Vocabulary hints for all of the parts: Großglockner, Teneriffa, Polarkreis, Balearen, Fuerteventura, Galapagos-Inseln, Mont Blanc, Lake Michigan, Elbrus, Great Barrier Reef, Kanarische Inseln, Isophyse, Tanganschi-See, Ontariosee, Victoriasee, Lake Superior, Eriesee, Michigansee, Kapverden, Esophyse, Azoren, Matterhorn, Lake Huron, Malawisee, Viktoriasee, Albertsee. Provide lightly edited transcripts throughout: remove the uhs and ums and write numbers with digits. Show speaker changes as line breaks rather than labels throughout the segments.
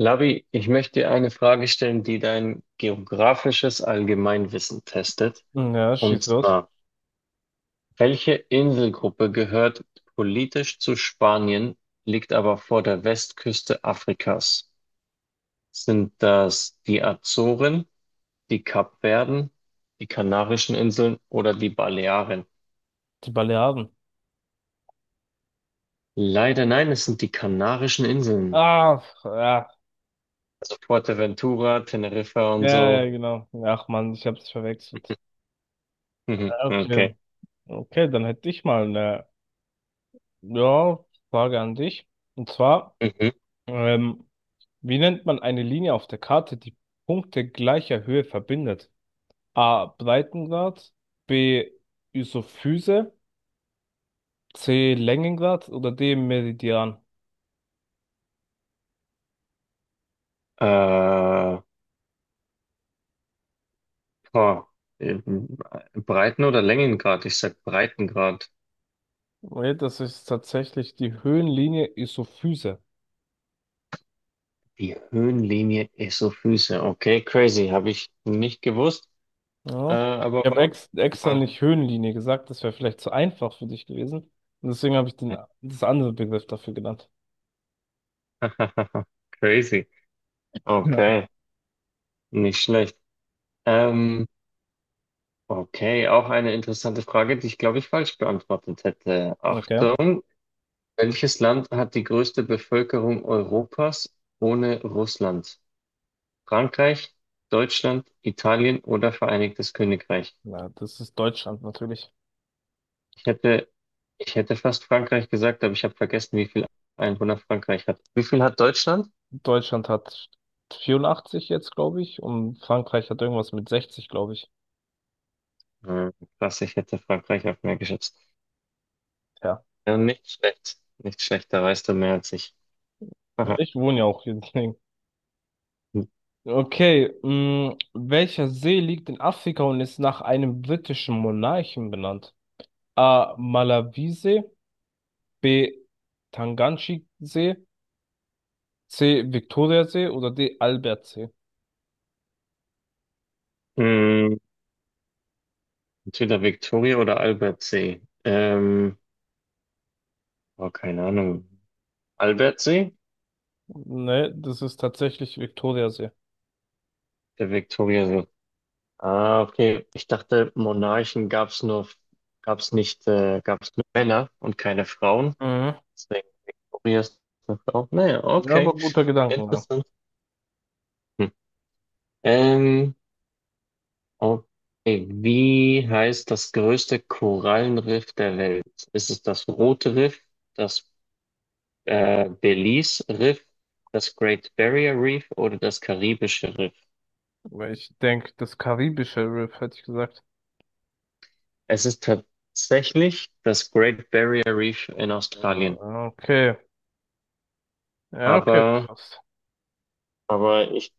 Labi, ich möchte dir eine Frage stellen, die dein geografisches Allgemeinwissen testet.
Ja,
Und
schieß los.
zwar, welche Inselgruppe gehört politisch zu Spanien, liegt aber vor der Westküste Afrikas? Sind das die Azoren, die Kapverden, die Kanarischen Inseln oder die Balearen?
Die Balearen.
Leider nein, es sind die Kanarischen Inseln.
Ah, ja.
Also Fuerteventura, Teneriffa und
Ja,
so.
ja, genau. Ach Mann, ich hab's verwechselt.
Mhm,
Ah, okay.
okay.
Okay, dann hätte ich mal eine, ja, Frage an dich. Und zwar,
Mhm.
ähm, wie nennt man eine Linie auf der Karte, die Punkte gleicher Höhe verbindet? A. Breitengrad, B. Isophyse, C. Längengrad oder D. Meridian?
Äh, Oh, ähm, Breiten- oder Längengrad? Ich sag Breitengrad.
Nee, das ist tatsächlich die Höhenlinie Isophyse.
Die Höhenlinie Esophyse. Okay, crazy. Habe ich nicht gewusst,
Ja. Ich
aber
habe ex extra
war
nicht Höhenlinie gesagt, das wäre vielleicht zu einfach für dich gewesen. Und deswegen habe ich das andere Begriff dafür genannt.
crazy.
Ja.
Okay, nicht schlecht. Ähm, okay, auch eine interessante Frage, die ich glaube ich falsch beantwortet hätte.
Okay.
Achtung, welches Land hat die größte Bevölkerung Europas ohne Russland? Frankreich, Deutschland, Italien oder Vereinigtes Königreich?
Na, das ist Deutschland natürlich.
Ich hätte, ich hätte fast Frankreich gesagt, aber ich habe vergessen, wie viel Einwohner Frankreich hat. Wie viel hat Deutschland?
Deutschland hat 84 jetzt, glaube ich, und Frankreich hat irgendwas mit 60, glaube ich.
Hm, krass, ich hätte Frankreich auf mehr geschätzt.
Ja.
Ja, nicht schlecht. Nicht schlecht, da weißt du mehr als ich.
Ja,
Aha.
ich wohne ja auch hier, deswegen. Okay, mh, welcher See liegt in Afrika und ist nach einem britischen Monarchen benannt? A. Malawisee, B. Tanganschi-See, C. Viktoriasee oder D. Albertsee?
Hm, entweder Victoria oder Albertsee. Oh, keine Ahnung. Albertsee?
Ne, das ist tatsächlich Viktoriasee.
Der Victoriasee. Ah, okay. Ich dachte, Monarchen gab's nur, gab's nicht, gab's nur Männer und keine Frauen.
Mhm.
Deswegen. Maria ist eine Frau. Naja,
Ja, aber
okay.
guter Gedankengang.
Interessant. Hm. Ähm, okay. Wie heißt das größte Korallenriff der Welt? Ist es das Rote Riff, das Belize Riff, das Great Barrier Reef oder das Karibische Riff?
Weil ich denke, das karibische Riff hätte ich gesagt.
Es ist tatsächlich das Great Barrier Reef in Australien.
Ah, okay. Ja, okay,
Aber,
fast.
aber ich,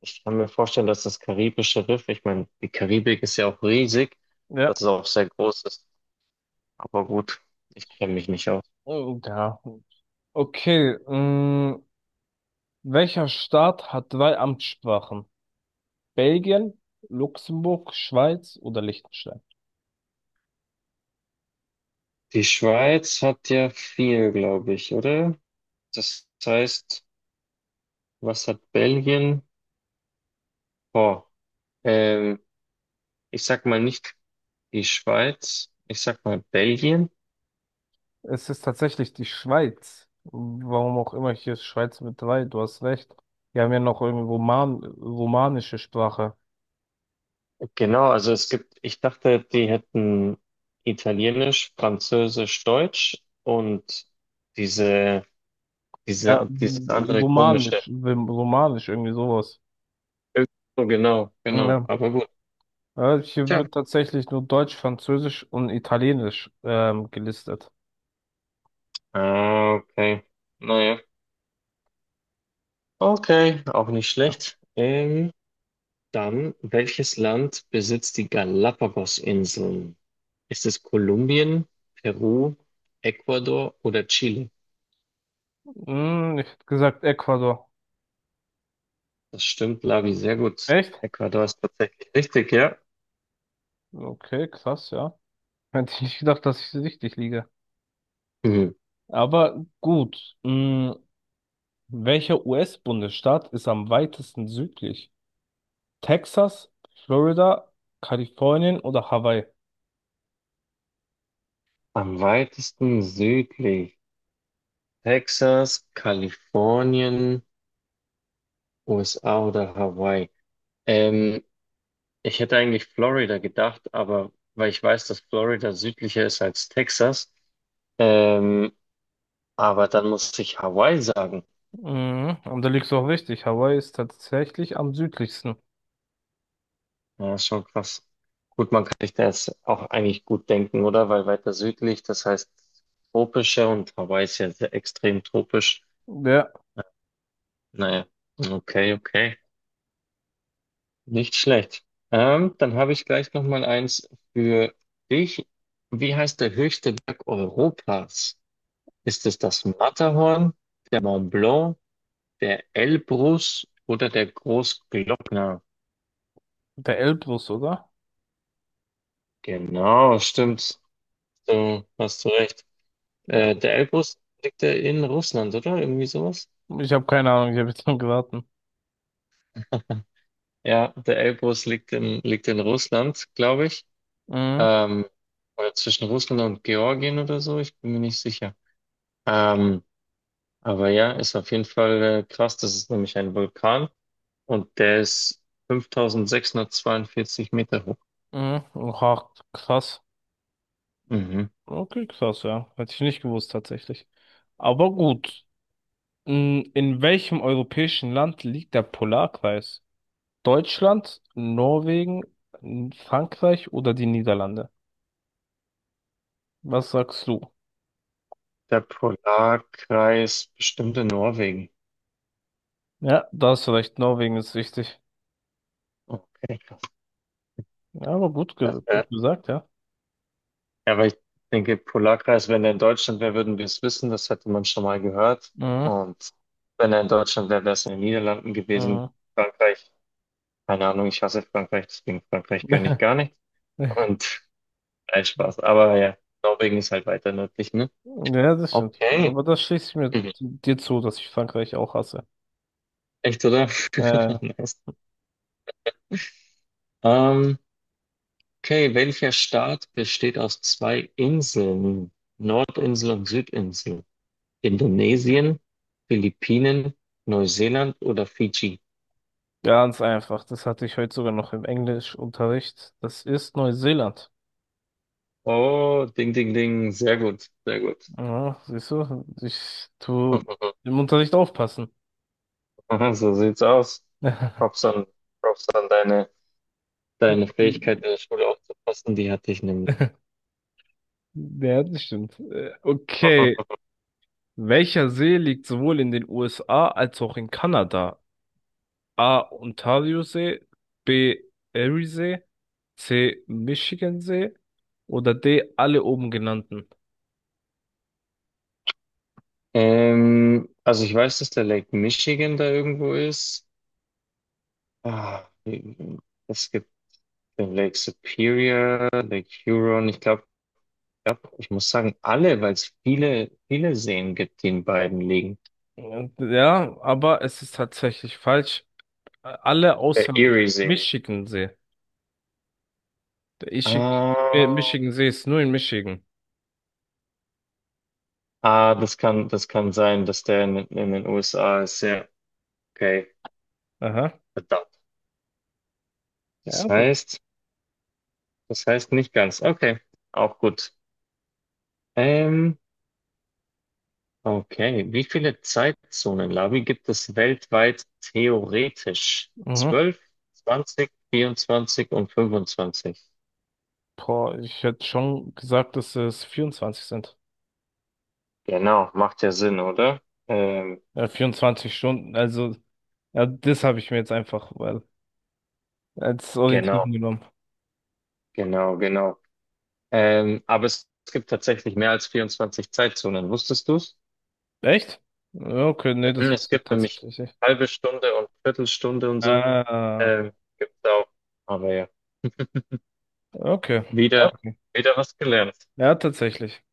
ich kann mir vorstellen, dass das Karibische Riff, ich meine, die Karibik ist ja auch riesig, dass
Ja.
es auch sehr groß ist. Aber gut, ich kenne mich nicht aus.
Oh, ja. Okay, mh, welcher Staat hat 3 Amtssprachen? Belgien, Luxemburg, Schweiz oder Liechtenstein?
Die Schweiz hat ja viel, glaube ich, oder? Das heißt, was hat Belgien? Oh, ähm, ich sag mal nicht die Schweiz, ich sag mal Belgien.
Es ist tatsächlich die Schweiz. Warum auch immer, hier ist Schweiz mit 3, du hast recht. Wir haben ja noch irgendwie romanische Sprache.
Genau, also es gibt, ich dachte, die hätten Italienisch, Französisch, Deutsch und diese,
Ja,
dieses andere komische.
romanisch, romanisch, irgendwie sowas.
Irg- So genau, genau,
Ja.
aber gut.
Ja, hier
Tja.
wird tatsächlich nur Deutsch, Französisch und Italienisch gelistet.
Ah, okay. Naja. Okay, auch nicht
Ja.
schlecht. Dann, welches Land besitzt die Galapagos-Inseln? Ist es Kolumbien, Peru, Ecuador oder Chile?
Hm, ich hätte gesagt Ecuador.
Das stimmt, Lavi, sehr gut.
Echt?
Ecuador ist tatsächlich richtig, ja.
Okay, krass, ja. Hätte ich nicht gedacht, dass ich richtig liege.
Hm.
Aber gut. Hm, welcher US-Bundesstaat ist am weitesten südlich? Texas, Florida, Kalifornien oder Hawaii?
Am weitesten südlich. Texas, Kalifornien, USA oder Hawaii. Ähm, ich hätte eigentlich Florida gedacht, aber weil ich weiß, dass Florida südlicher ist als Texas, ähm, aber dann musste ich Hawaii sagen.
Mhm, und da liegst du auch richtig. Hawaii ist tatsächlich am südlichsten.
Ja, ist schon krass. Gut, man kann sich das auch eigentlich gut denken, oder? Weil weiter südlich, das heißt tropischer und Hawaii ist ja sehr extrem tropisch.
Der,
Naja, okay, okay. Nicht schlecht. Dann habe ich gleich noch mal eins für dich. Wie heißt der höchste Berg Europas? Ist es das Matterhorn, der Mont Blanc, der Elbrus oder der Großglockner?
Der Elbrus, oder?
Genau, stimmt. Du hast du recht.
Ja.
Der Elbrus liegt ja in Russland, oder? Irgendwie sowas?
Ich habe keine Ahnung, ich habe jetzt nur geraten.
Ja, der Elbrus liegt in Russland, glaube ich.
Mhm,
Ähm, oder zwischen Russland und Georgien oder so, ich bin mir nicht sicher. Ähm, aber ja, ist auf jeden Fall krass. Das ist nämlich ein Vulkan und der ist 5.642 Meter hoch.
mhm. Oha, krass.
Mhm.
Okay, krass, ja. Hätte ich nicht gewusst, tatsächlich. Aber gut. Mhm, in welchem europäischen Land liegt der Polarkreis? Deutschland, Norwegen, Frankreich oder die Niederlande? Was sagst du?
Der Polarkreis bestimmt in Norwegen.
Ja, da hast du recht, Norwegen ist wichtig.
Okay, krass.
Ja, aber gut, ge
Das
gut gesagt, ja.
Ja, aber ich denke, Polarkreis, wenn er in Deutschland wäre, würden wir es wissen. Das hätte man schon mal gehört.
Mhm.
Und wenn er in Deutschland wäre, wäre es in den Niederlanden gewesen.
Mhm.
Frankreich, keine Ahnung, ich hasse Frankreich, deswegen Frankreich gönne ich gar nicht. Und nein, Spaß. Aber ja, Norwegen ist halt weiter nördlich, ne?
Ja, das stimmt.
Okay.
Aber das schließe ich mir
Mhm.
dir zu, dass ich Frankreich auch hasse.
Echt, oder?
Äh,
Nice. Ähm, okay, welcher Staat besteht aus zwei Inseln? Nordinsel und Südinsel. Indonesien, Philippinen, Neuseeland oder Fidschi?
ganz einfach. Das hatte ich heute sogar noch im Englischunterricht. Das ist Neuseeland.
Oh, ding, ding, ding. Sehr gut, sehr gut.
Ja, siehst du, ich tu im Unterricht aufpassen.
So sieht's aus. Props an, Props an deine Fähigkeit, in der Schule aufzupassen. Die hatte ich nämlich.
Ja, das stimmt. Okay. Welcher See liegt sowohl in den USA als auch in Kanada? A. Ontariosee, B. Eriesee, C. Michigansee oder D. alle oben genannten.
Also ich weiß, dass der Lake Michigan da irgendwo ist. Ah, es gibt den Lake Superior, Lake Huron. Ich glaube, ja, ich muss sagen, alle, weil es viele, viele Seen gibt, die in beiden liegen.
Ja, aber es ist tatsächlich falsch. Alle außer
Der
der
Erie See.
Michigansee. Der Ichi-
Ah.
Michigansee ist nur in Michigan.
Ah, das kann sein, dass der in den USA ist. Ja, okay,
Aha.
verdammt. Das
Ja, gut.
heißt, das heißt nicht ganz. Okay, auch gut. Ähm, okay, wie viele Zeitzonen, Lavi, gibt es weltweit theoretisch?
Mhm.
12, 20, 24 und 25?
Boah, ich hätte schon gesagt, dass es 24 sind.
Genau, macht ja Sinn, oder? Ähm,
Ja, 24 Stunden. Also, ja, das habe ich mir jetzt einfach als Orientierung
genau,
genommen.
genau, genau. Aber es gibt tatsächlich mehr als 24 Zeitzonen. Wusstest du's?
Echt? Ja, okay, nee,
Mhm,
das
es
wusste ich
gibt nämlich
tatsächlich nicht.
halbe Stunde und Viertelstunde und so.
Ah,
Ähm, gibt's auch. Aber ja,
okay.
wieder,
Okay.
wieder was gelernt.
Ja, tatsächlich.